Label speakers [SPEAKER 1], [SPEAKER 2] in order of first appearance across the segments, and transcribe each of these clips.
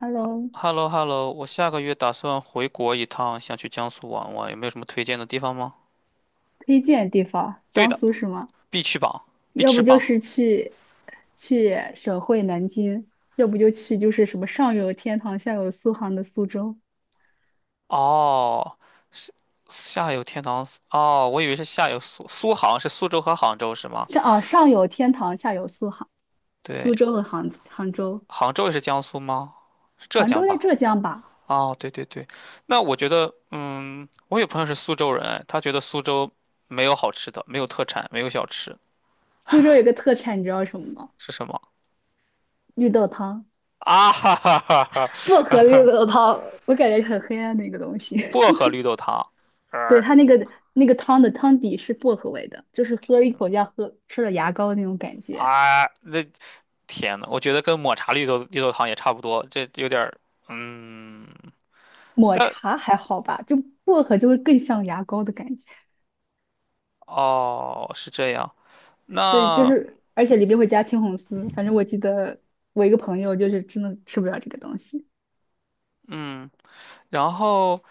[SPEAKER 1] Hello，
[SPEAKER 2] h e l l o hello 我下个月打算回国一趟，想去江苏玩玩，有没有什么推荐的地方吗？
[SPEAKER 1] 推荐地方，
[SPEAKER 2] 对
[SPEAKER 1] 江
[SPEAKER 2] 的，
[SPEAKER 1] 苏是吗？
[SPEAKER 2] 必去榜，必
[SPEAKER 1] 要
[SPEAKER 2] 吃
[SPEAKER 1] 不就
[SPEAKER 2] 榜。
[SPEAKER 1] 是去省会南京，要不就去就是什么上有天堂下有苏杭的苏州，
[SPEAKER 2] 哦，是下有天堂，哦，我以为是下有苏杭，是苏州和杭州是吗？
[SPEAKER 1] 上有天堂下有苏杭，
[SPEAKER 2] 对，
[SPEAKER 1] 苏州和杭州，
[SPEAKER 2] 杭州也是江苏吗？是浙
[SPEAKER 1] 杭州
[SPEAKER 2] 江
[SPEAKER 1] 在
[SPEAKER 2] 吧？
[SPEAKER 1] 浙江吧？
[SPEAKER 2] 哦，对对对，那我觉得，我有朋友是苏州人，哎他觉得苏州没有好吃的，没有特产，没有小吃，
[SPEAKER 1] 苏州有个特产，你知道什么吗？
[SPEAKER 2] 是什么？
[SPEAKER 1] 绿豆汤，
[SPEAKER 2] 啊哈哈哈哈！
[SPEAKER 1] 薄荷绿 豆汤，我感觉很黑暗的一个东西。
[SPEAKER 2] 薄荷 绿豆汤。
[SPEAKER 1] 对，
[SPEAKER 2] 呃
[SPEAKER 1] 它那个汤的汤底是薄荷味的，就是喝一口像喝吃了牙膏的那种感觉。
[SPEAKER 2] 啊，那天呐，我觉得跟抹茶绿豆汤也差不多，这有点儿，嗯，
[SPEAKER 1] 抹
[SPEAKER 2] 但
[SPEAKER 1] 茶还好吧，就薄荷就会更像牙膏的感觉。
[SPEAKER 2] 哦是这样，
[SPEAKER 1] 对，就
[SPEAKER 2] 那
[SPEAKER 1] 是而且里边会加青红丝，反正我记得我一个朋友就是真的吃不了这个东西。
[SPEAKER 2] 嗯，然后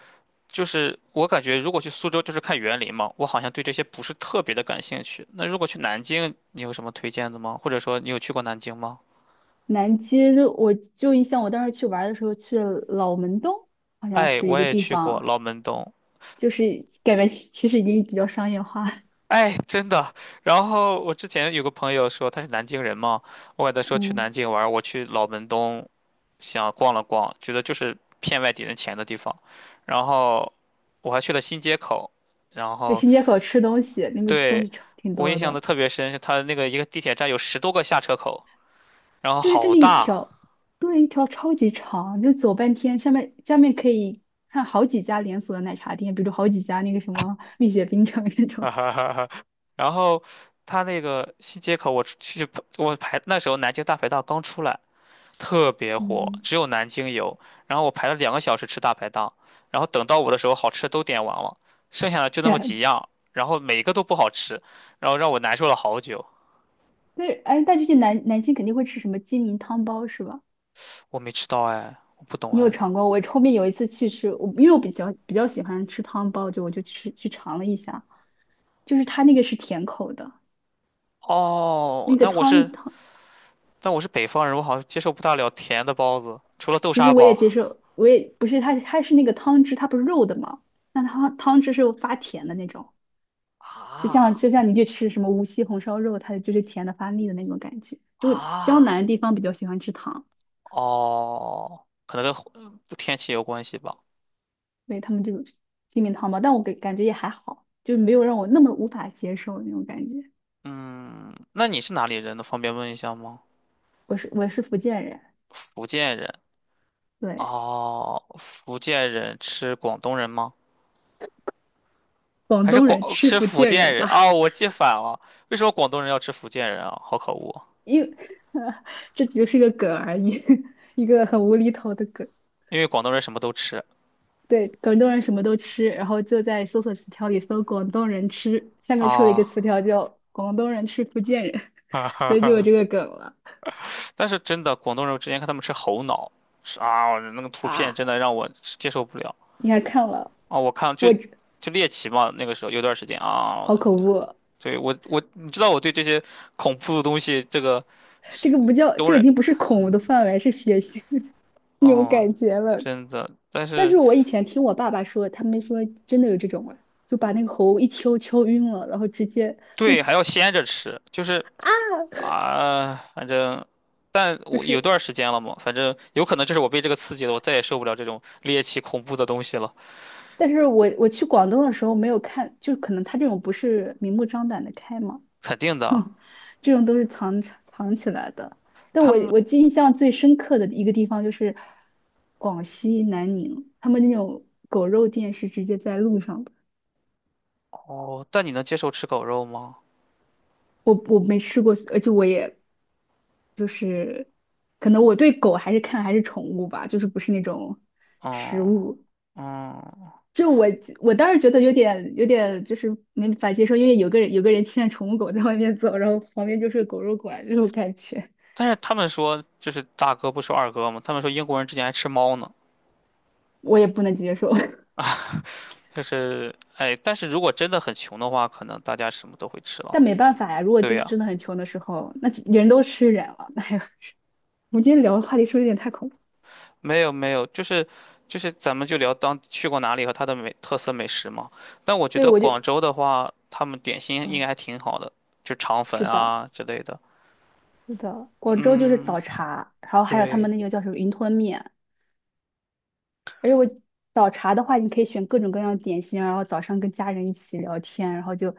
[SPEAKER 2] 就是我感觉如果去苏州就是看园林嘛，我好像对这些不是特别的感兴趣。那如果去南京，你有什么推荐的吗？或者说你有去过南京吗？
[SPEAKER 1] 南街就我就印象，我当时去玩儿的时候去了老门东，好像
[SPEAKER 2] 哎，
[SPEAKER 1] 是一
[SPEAKER 2] 我
[SPEAKER 1] 个
[SPEAKER 2] 也
[SPEAKER 1] 地
[SPEAKER 2] 去过
[SPEAKER 1] 方，
[SPEAKER 2] 老门东。
[SPEAKER 1] 就是感觉其实已经比较商业化。
[SPEAKER 2] 哎，真的。然后我之前有个朋友说他是南京人嘛，我给他说去南
[SPEAKER 1] 嗯，
[SPEAKER 2] 京玩儿我去老门东想逛了逛，觉得就是骗外地人钱的地方。然后我还去了新街口，然
[SPEAKER 1] 在
[SPEAKER 2] 后
[SPEAKER 1] 新街口吃东西，那边东
[SPEAKER 2] 对
[SPEAKER 1] 西超挺
[SPEAKER 2] 我印
[SPEAKER 1] 多
[SPEAKER 2] 象的
[SPEAKER 1] 的。
[SPEAKER 2] 特别深是他那个一个地铁站有10多个下车口，然后
[SPEAKER 1] 就是它
[SPEAKER 2] 好
[SPEAKER 1] 那一
[SPEAKER 2] 大，
[SPEAKER 1] 条，对，一条超级长，就走半天。下面可以看好几家连锁的奶茶店，比如好几家那个什么蜜雪冰城那 种
[SPEAKER 2] 哈哈哈哈然后他那个新街口我出去我排那时候南京大排档刚出来。特别 火，
[SPEAKER 1] 嗯，
[SPEAKER 2] 只有南京有。然后我排了2个小时吃大排档，然后等到我的时候，好吃的都点完了，剩下的就那
[SPEAKER 1] 这
[SPEAKER 2] 么
[SPEAKER 1] 样
[SPEAKER 2] 几
[SPEAKER 1] 的。
[SPEAKER 2] 样，然后每一个都不好吃，然后让我难受了好久。
[SPEAKER 1] 但是哎，但就去南京肯定会吃什么鸡鸣汤包是吧？
[SPEAKER 2] 我没吃到哎，我不懂
[SPEAKER 1] 你有
[SPEAKER 2] 哎。
[SPEAKER 1] 尝过？我后面有一次去吃，我因为我比较喜欢吃汤包，就我就去尝了一下，就是它那个是甜口的，
[SPEAKER 2] 哦，
[SPEAKER 1] 那个
[SPEAKER 2] 但我是但我是北方人，我好像接受不大了甜的包子，除了豆
[SPEAKER 1] 其实
[SPEAKER 2] 沙
[SPEAKER 1] 我也
[SPEAKER 2] 包。
[SPEAKER 1] 接受，我也不是它是那个汤汁，它不是肉的嘛，那它汤汁是发甜的那种。就像
[SPEAKER 2] 啊
[SPEAKER 1] 就像你去吃什么无锡红烧肉，它就是甜的发腻的那种感觉。就江
[SPEAKER 2] 啊
[SPEAKER 1] 南地方比较喜欢吃糖，
[SPEAKER 2] 哦，可能跟天气有关系吧。
[SPEAKER 1] 对他们这种鸡米汤吧，但我感觉也还好，就没有让我那么无法接受那种感觉。
[SPEAKER 2] 嗯，那你是哪里人呢？方便问一下吗？
[SPEAKER 1] 我是福建人，
[SPEAKER 2] 福建人。
[SPEAKER 1] 对，
[SPEAKER 2] 哦，福建人吃广东人吗？
[SPEAKER 1] 广
[SPEAKER 2] 还是
[SPEAKER 1] 东人
[SPEAKER 2] 广
[SPEAKER 1] 吃
[SPEAKER 2] 吃
[SPEAKER 1] 福
[SPEAKER 2] 福
[SPEAKER 1] 建
[SPEAKER 2] 建
[SPEAKER 1] 人
[SPEAKER 2] 人？
[SPEAKER 1] 吧？
[SPEAKER 2] 哦，我记反了。为什么广东人要吃福建人啊？好可恶！
[SPEAKER 1] 因为 这只就是个梗而已，一个很无厘头的梗。
[SPEAKER 2] 因为广东人什么都吃
[SPEAKER 1] 对，广东人什么都吃，然后就在搜索词条里搜“广东人吃”，下面出了一个
[SPEAKER 2] 啊。
[SPEAKER 1] 词条叫“广东人吃福建人”，所以就有这 个梗了。
[SPEAKER 2] 但是真的，广东人我之前看他们吃猴脑，是啊，那个图片
[SPEAKER 1] 啊，
[SPEAKER 2] 真的让我接受不了
[SPEAKER 1] 你还看了？
[SPEAKER 2] 啊！我看就
[SPEAKER 1] 我
[SPEAKER 2] 就猎奇嘛，那个时候有段时间啊，
[SPEAKER 1] 好恐怖啊！
[SPEAKER 2] 对我你知道我对这些恐怖的东西这个是
[SPEAKER 1] 这个不叫，
[SPEAKER 2] 容
[SPEAKER 1] 这个已
[SPEAKER 2] 忍，
[SPEAKER 1] 经不是恐怖的范围，是血腥的 那种
[SPEAKER 2] 哦，
[SPEAKER 1] 感觉了。
[SPEAKER 2] 真的，但
[SPEAKER 1] 但
[SPEAKER 2] 是
[SPEAKER 1] 是我以前听我爸爸说，他们说真的有这种人就把那个猴一敲敲晕了，然后直接不
[SPEAKER 2] 对还要鲜着吃，就是。啊，反正，但
[SPEAKER 1] 就
[SPEAKER 2] 我有
[SPEAKER 1] 是。
[SPEAKER 2] 段儿时间了嘛，反正有可能就是我被这个刺激了，我再也受不了这种猎奇恐怖的东西了，
[SPEAKER 1] 但是我去广东的时候没有看，就可能他这种不是明目张胆的开嘛，
[SPEAKER 2] 肯定的啊。
[SPEAKER 1] 这种都是藏起来的。但
[SPEAKER 2] 他
[SPEAKER 1] 我
[SPEAKER 2] 们
[SPEAKER 1] 我印象最深刻的一个地方就是广西南宁，他们那种狗肉店是直接在路上的。
[SPEAKER 2] 哦，但你能接受吃狗肉吗？
[SPEAKER 1] 我没吃过，而且我也可能我对狗还是看还是宠物吧，就是不是那种食
[SPEAKER 2] 嗯
[SPEAKER 1] 物。
[SPEAKER 2] 嗯，
[SPEAKER 1] 就我当时觉得有点就是没法接受，因为有个人牵着宠物狗在外面走，然后旁边就是狗肉馆这种感觉，
[SPEAKER 2] 但是他们说就是大哥不说二哥嘛，他们说英国人之前还吃猫呢，
[SPEAKER 1] 我也不能接受。
[SPEAKER 2] 就是哎，但是如果真的很穷的话，可能大家什么都会吃了。
[SPEAKER 1] 但没办法呀，如果
[SPEAKER 2] 对
[SPEAKER 1] 就是
[SPEAKER 2] 呀。
[SPEAKER 1] 真的很穷的时候，那人都吃人了。哎呀，我们今天聊的话题是不是有点太恐怖？
[SPEAKER 2] 没有没有，就是咱们就聊当去过哪里和它的美特色美食嘛。但我觉
[SPEAKER 1] 对，
[SPEAKER 2] 得
[SPEAKER 1] 我就，
[SPEAKER 2] 广州的话，他们点心应该
[SPEAKER 1] 呃，
[SPEAKER 2] 还挺好的，就肠粉
[SPEAKER 1] 是的，
[SPEAKER 2] 啊之类的。
[SPEAKER 1] 是的，广州就是
[SPEAKER 2] 嗯，
[SPEAKER 1] 早茶，然后还有他
[SPEAKER 2] 对，
[SPEAKER 1] 们那个叫什么云吞面，而且我早茶的话，你可以选各种各样的点心，然后早上跟家人一起聊天，然后就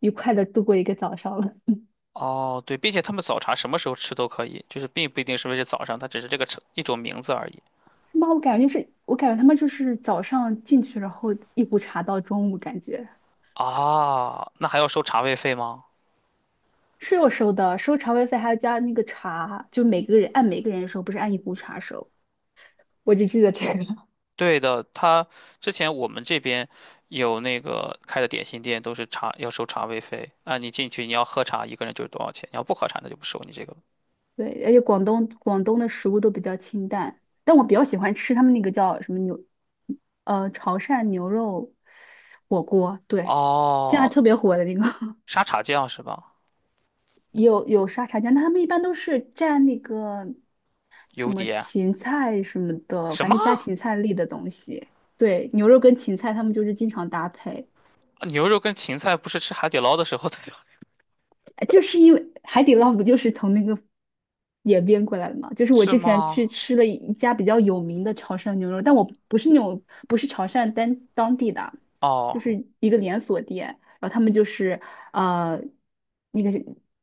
[SPEAKER 1] 愉快的度过一个早上了，
[SPEAKER 2] 哦对，并且他们早茶什么时候吃都可以，就是并不一定是不是早上，它只是这个吃一种名字而已。
[SPEAKER 1] 是吗？我感觉就是，我感觉他们就是早上进去，然后一壶茶到中午，感觉。
[SPEAKER 2] 啊，那还要收茶位费吗？
[SPEAKER 1] 是有收的，收茶位费还要加那个茶，就每个人按每个人收，不是按一壶茶收。我只记得这个。
[SPEAKER 2] 对的，他之前我们这边有那个开的点心店，都是茶要收茶位费啊。你进去你要喝茶，一个人就是多少钱？你要不喝茶，那就不收你这个。
[SPEAKER 1] 对，而且广东的食物都比较清淡，但我比较喜欢吃他们那个叫什么牛，潮汕牛肉火锅。对，现在
[SPEAKER 2] 哦，
[SPEAKER 1] 特别火的那个，
[SPEAKER 2] 沙茶酱是吧？
[SPEAKER 1] 也有沙茶酱，但他们一般都是蘸那个什
[SPEAKER 2] 油
[SPEAKER 1] 么
[SPEAKER 2] 碟？
[SPEAKER 1] 芹菜什么的，
[SPEAKER 2] 什
[SPEAKER 1] 反
[SPEAKER 2] 么？
[SPEAKER 1] 正就加芹菜粒的东西。对，牛肉跟芹菜他们就是经常搭配。
[SPEAKER 2] 牛肉跟芹菜不是吃海底捞的时候才有？
[SPEAKER 1] 就是因为海底捞不就是从那个演变过来的嘛？就是我
[SPEAKER 2] 是
[SPEAKER 1] 之前
[SPEAKER 2] 吗？
[SPEAKER 1] 去吃了一家比较有名的潮汕牛肉，但我不是那种不是潮汕当地的，就
[SPEAKER 2] 哦
[SPEAKER 1] 是一个连锁店，然后他们就是呃那个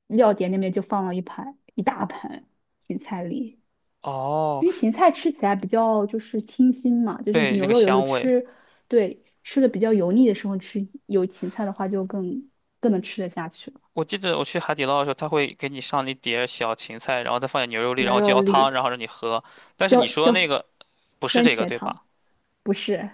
[SPEAKER 1] 料碟那边就放了一大盘芹菜粒，
[SPEAKER 2] 哦，
[SPEAKER 1] 因为芹菜吃起来比较就是清新嘛，就是
[SPEAKER 2] 对，那
[SPEAKER 1] 牛
[SPEAKER 2] 个
[SPEAKER 1] 肉有时候
[SPEAKER 2] 香味。
[SPEAKER 1] 吃对吃的比较油腻的时候吃有芹菜的话就更更能吃得下去了。
[SPEAKER 2] 我记得我去海底捞的时候，他会给你上一碟小芹菜，然后再放点牛肉粒，然
[SPEAKER 1] 牛
[SPEAKER 2] 后
[SPEAKER 1] 肉
[SPEAKER 2] 浇汤，
[SPEAKER 1] 粒，
[SPEAKER 2] 然后让你喝。但是
[SPEAKER 1] 叫
[SPEAKER 2] 你说
[SPEAKER 1] 叫
[SPEAKER 2] 那个不是
[SPEAKER 1] 番
[SPEAKER 2] 这个
[SPEAKER 1] 茄
[SPEAKER 2] 对
[SPEAKER 1] 汤，
[SPEAKER 2] 吧？
[SPEAKER 1] 不是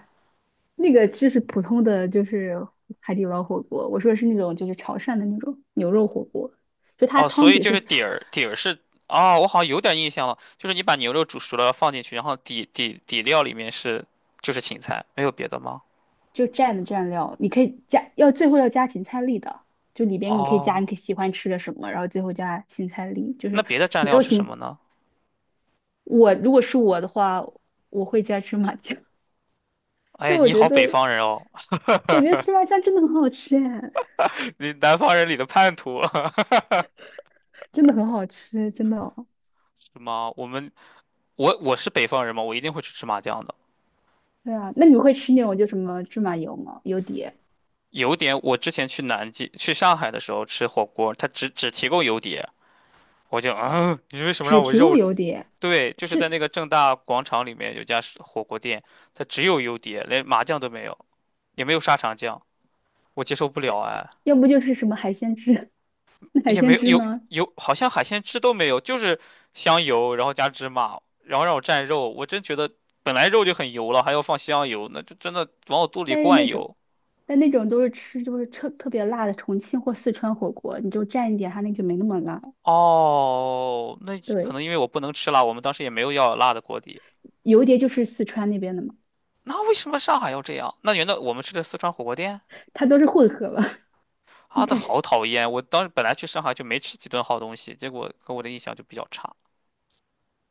[SPEAKER 1] 那个，就是普通的，就是海底捞火锅。我说的是那种，就是潮汕的那种牛肉火锅，就它
[SPEAKER 2] 哦，所
[SPEAKER 1] 汤
[SPEAKER 2] 以
[SPEAKER 1] 底
[SPEAKER 2] 就是
[SPEAKER 1] 是
[SPEAKER 2] 底儿，底儿是哦，我好像有点印象了，就是你把牛肉煮熟了放进去，然后底料里面是就是芹菜，没有别的吗？
[SPEAKER 1] 就蘸的蘸料，你可以加，要最后要加芹菜粒的，就里边你可以加
[SPEAKER 2] 哦，
[SPEAKER 1] 你可以喜欢吃的什么，然后最后加芹菜粒，就
[SPEAKER 2] 那
[SPEAKER 1] 是
[SPEAKER 2] 别的蘸
[SPEAKER 1] 没
[SPEAKER 2] 料
[SPEAKER 1] 有
[SPEAKER 2] 是什么
[SPEAKER 1] 芹。
[SPEAKER 2] 呢？
[SPEAKER 1] 我如果是我的话，我会加芝麻酱，但
[SPEAKER 2] 哎，
[SPEAKER 1] 我
[SPEAKER 2] 你
[SPEAKER 1] 觉
[SPEAKER 2] 好，北
[SPEAKER 1] 得
[SPEAKER 2] 方人哦，
[SPEAKER 1] 我觉得芝麻酱真的很好吃哎，
[SPEAKER 2] 你南方人里的叛徒
[SPEAKER 1] 真的很好吃，真的哦。
[SPEAKER 2] 是吗？我们我是北方人嘛，我一定会去吃麻酱的。
[SPEAKER 1] 对啊，那你会吃那种就什么芝麻油吗？油碟
[SPEAKER 2] 油碟，我之前去南京、去上海的时候吃火锅，他只提供油碟，我就啊，你为什么
[SPEAKER 1] 只
[SPEAKER 2] 让我
[SPEAKER 1] 提供
[SPEAKER 2] 肉？
[SPEAKER 1] 油碟，
[SPEAKER 2] 对，就是在
[SPEAKER 1] 是
[SPEAKER 2] 那个正大广场里面有家是火锅店，它只有油碟，连麻酱都没有，也没有沙茶酱，我接受不了哎。
[SPEAKER 1] 要不就是什么海鲜汁，那海
[SPEAKER 2] 也没
[SPEAKER 1] 鲜汁呢？
[SPEAKER 2] 有，好像海鲜汁都没有，就是香油，然后加芝麻，然后让我蘸肉。我真觉得本来肉就很油了，还要放香油，那就真的往我肚里
[SPEAKER 1] 但是
[SPEAKER 2] 灌
[SPEAKER 1] 那种，
[SPEAKER 2] 油。
[SPEAKER 1] 但那种都是吃就是特别辣的重庆或四川火锅，你就蘸一点，它那就没那么辣。
[SPEAKER 2] 哦，那可
[SPEAKER 1] 对，
[SPEAKER 2] 能因为我不能吃辣，我们当时也没有要辣的锅底。
[SPEAKER 1] 油碟就是四川那边的嘛，
[SPEAKER 2] 那为什么上海要这样？那原来我们吃的四川火锅店
[SPEAKER 1] 它都是混合了，应
[SPEAKER 2] 啊，的好
[SPEAKER 1] 该。
[SPEAKER 2] 讨厌！我当时本来去上海就没吃几顿好东西，结果给我的印象就比较差。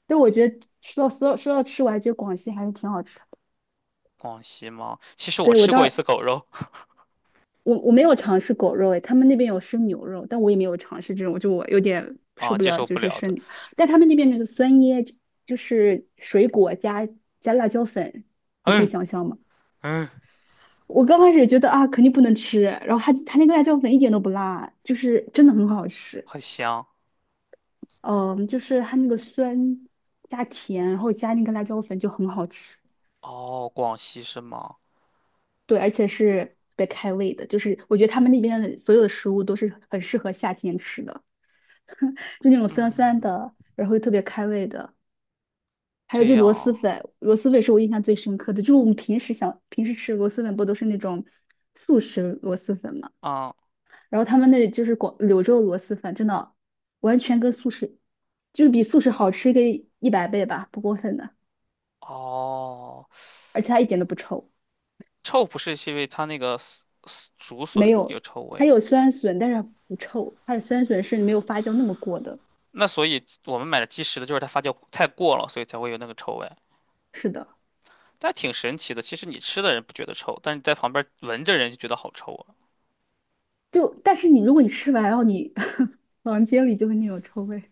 [SPEAKER 1] 但我觉得说到吃，我还觉得广西还是挺好吃的。
[SPEAKER 2] 广西吗？其实我
[SPEAKER 1] 对，我
[SPEAKER 2] 吃过
[SPEAKER 1] 当
[SPEAKER 2] 一次
[SPEAKER 1] 时
[SPEAKER 2] 狗肉
[SPEAKER 1] 我没有尝试狗肉，诶，他们那边有生牛肉，但我也没有尝试这种，就我有点 受
[SPEAKER 2] 啊，
[SPEAKER 1] 不
[SPEAKER 2] 接
[SPEAKER 1] 了，
[SPEAKER 2] 受
[SPEAKER 1] 就
[SPEAKER 2] 不
[SPEAKER 1] 是
[SPEAKER 2] 了的。
[SPEAKER 1] 生牛但他们那边那个酸椰就水果加辣椒粉，
[SPEAKER 2] 嗯嗯，
[SPEAKER 1] 我刚开始觉得啊肯定不能吃，然后他那个辣椒粉一点都不辣，就是真的很好吃。
[SPEAKER 2] 很香。
[SPEAKER 1] 嗯，就是它那个酸加甜，然后加那个辣椒粉就很好吃，
[SPEAKER 2] 哦，广西是吗？
[SPEAKER 1] 对，而且是特别开胃的，就是我觉得他们那边的所有的食物都是很适合夏天吃的。就那种酸酸
[SPEAKER 2] 嗯，
[SPEAKER 1] 的，然后又特别开胃的。还有
[SPEAKER 2] 这
[SPEAKER 1] 就螺蛳
[SPEAKER 2] 样，
[SPEAKER 1] 粉，螺蛳粉是我印象最深刻的，就是我们平时平时吃螺蛳粉不都是那种速食螺蛳粉嘛？
[SPEAKER 2] 嗯，
[SPEAKER 1] 然后他们那里就是柳州螺蛳粉，真的完全跟速食就是比速食好吃个100倍吧，不过分的，
[SPEAKER 2] 哦，
[SPEAKER 1] 而且它一点都不臭，
[SPEAKER 2] 臭不是是因为它那个竹
[SPEAKER 1] 没
[SPEAKER 2] 笋有
[SPEAKER 1] 有，
[SPEAKER 2] 臭
[SPEAKER 1] 它
[SPEAKER 2] 味，
[SPEAKER 1] 有酸笋，但是不臭，它的酸笋是没有发酵那么过的。
[SPEAKER 2] 那所以我们买的即食的就是它发酵太过了，所以才会有那个臭味，
[SPEAKER 1] 是的，
[SPEAKER 2] 但挺神奇的。其实你吃的人不觉得臭，但是你在旁边闻着人就觉得好臭啊！
[SPEAKER 1] 就但是你如果你吃完，然后你 房间里就会那种臭味。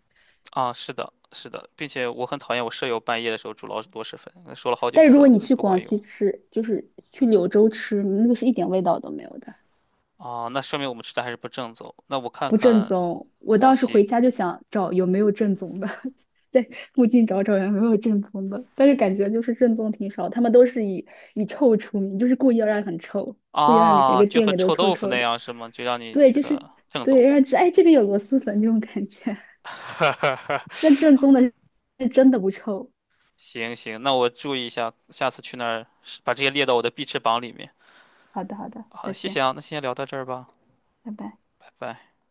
[SPEAKER 2] 啊，是的，是的，并且我很讨厌我舍友半夜的时候煮老鼠螺蛳粉，说了好几
[SPEAKER 1] 但是
[SPEAKER 2] 次
[SPEAKER 1] 如果
[SPEAKER 2] 了，
[SPEAKER 1] 你去
[SPEAKER 2] 不
[SPEAKER 1] 广
[SPEAKER 2] 管
[SPEAKER 1] 西
[SPEAKER 2] 用。
[SPEAKER 1] 吃，就是去柳州吃，那个是一点味道都没有的，
[SPEAKER 2] 啊，那说明我们吃的还是不正宗。那我看
[SPEAKER 1] 不正
[SPEAKER 2] 看
[SPEAKER 1] 宗。我
[SPEAKER 2] 广
[SPEAKER 1] 当时
[SPEAKER 2] 西
[SPEAKER 1] 回家就想找有没有正宗的，在附近找找有没有正宗的，但是感觉就是正宗挺少，他们都是以臭出名，就是故意要让很臭，故意要让你整
[SPEAKER 2] 啊，
[SPEAKER 1] 个
[SPEAKER 2] 就
[SPEAKER 1] 店
[SPEAKER 2] 和
[SPEAKER 1] 里都
[SPEAKER 2] 臭
[SPEAKER 1] 臭
[SPEAKER 2] 豆腐
[SPEAKER 1] 臭
[SPEAKER 2] 那
[SPEAKER 1] 的。
[SPEAKER 2] 样是吗？就让你
[SPEAKER 1] 对，
[SPEAKER 2] 觉
[SPEAKER 1] 就是
[SPEAKER 2] 得正宗。
[SPEAKER 1] 对，让哎这边有螺蛳粉这种感觉。那正宗的是真的不臭。
[SPEAKER 2] 行行，那我注意一下，下次去那儿把这些列到我的必吃榜里面。
[SPEAKER 1] 好的，好的，
[SPEAKER 2] 好的，
[SPEAKER 1] 再
[SPEAKER 2] 谢谢
[SPEAKER 1] 见，
[SPEAKER 2] 啊，那先聊到这儿吧，
[SPEAKER 1] 拜拜。
[SPEAKER 2] 拜拜。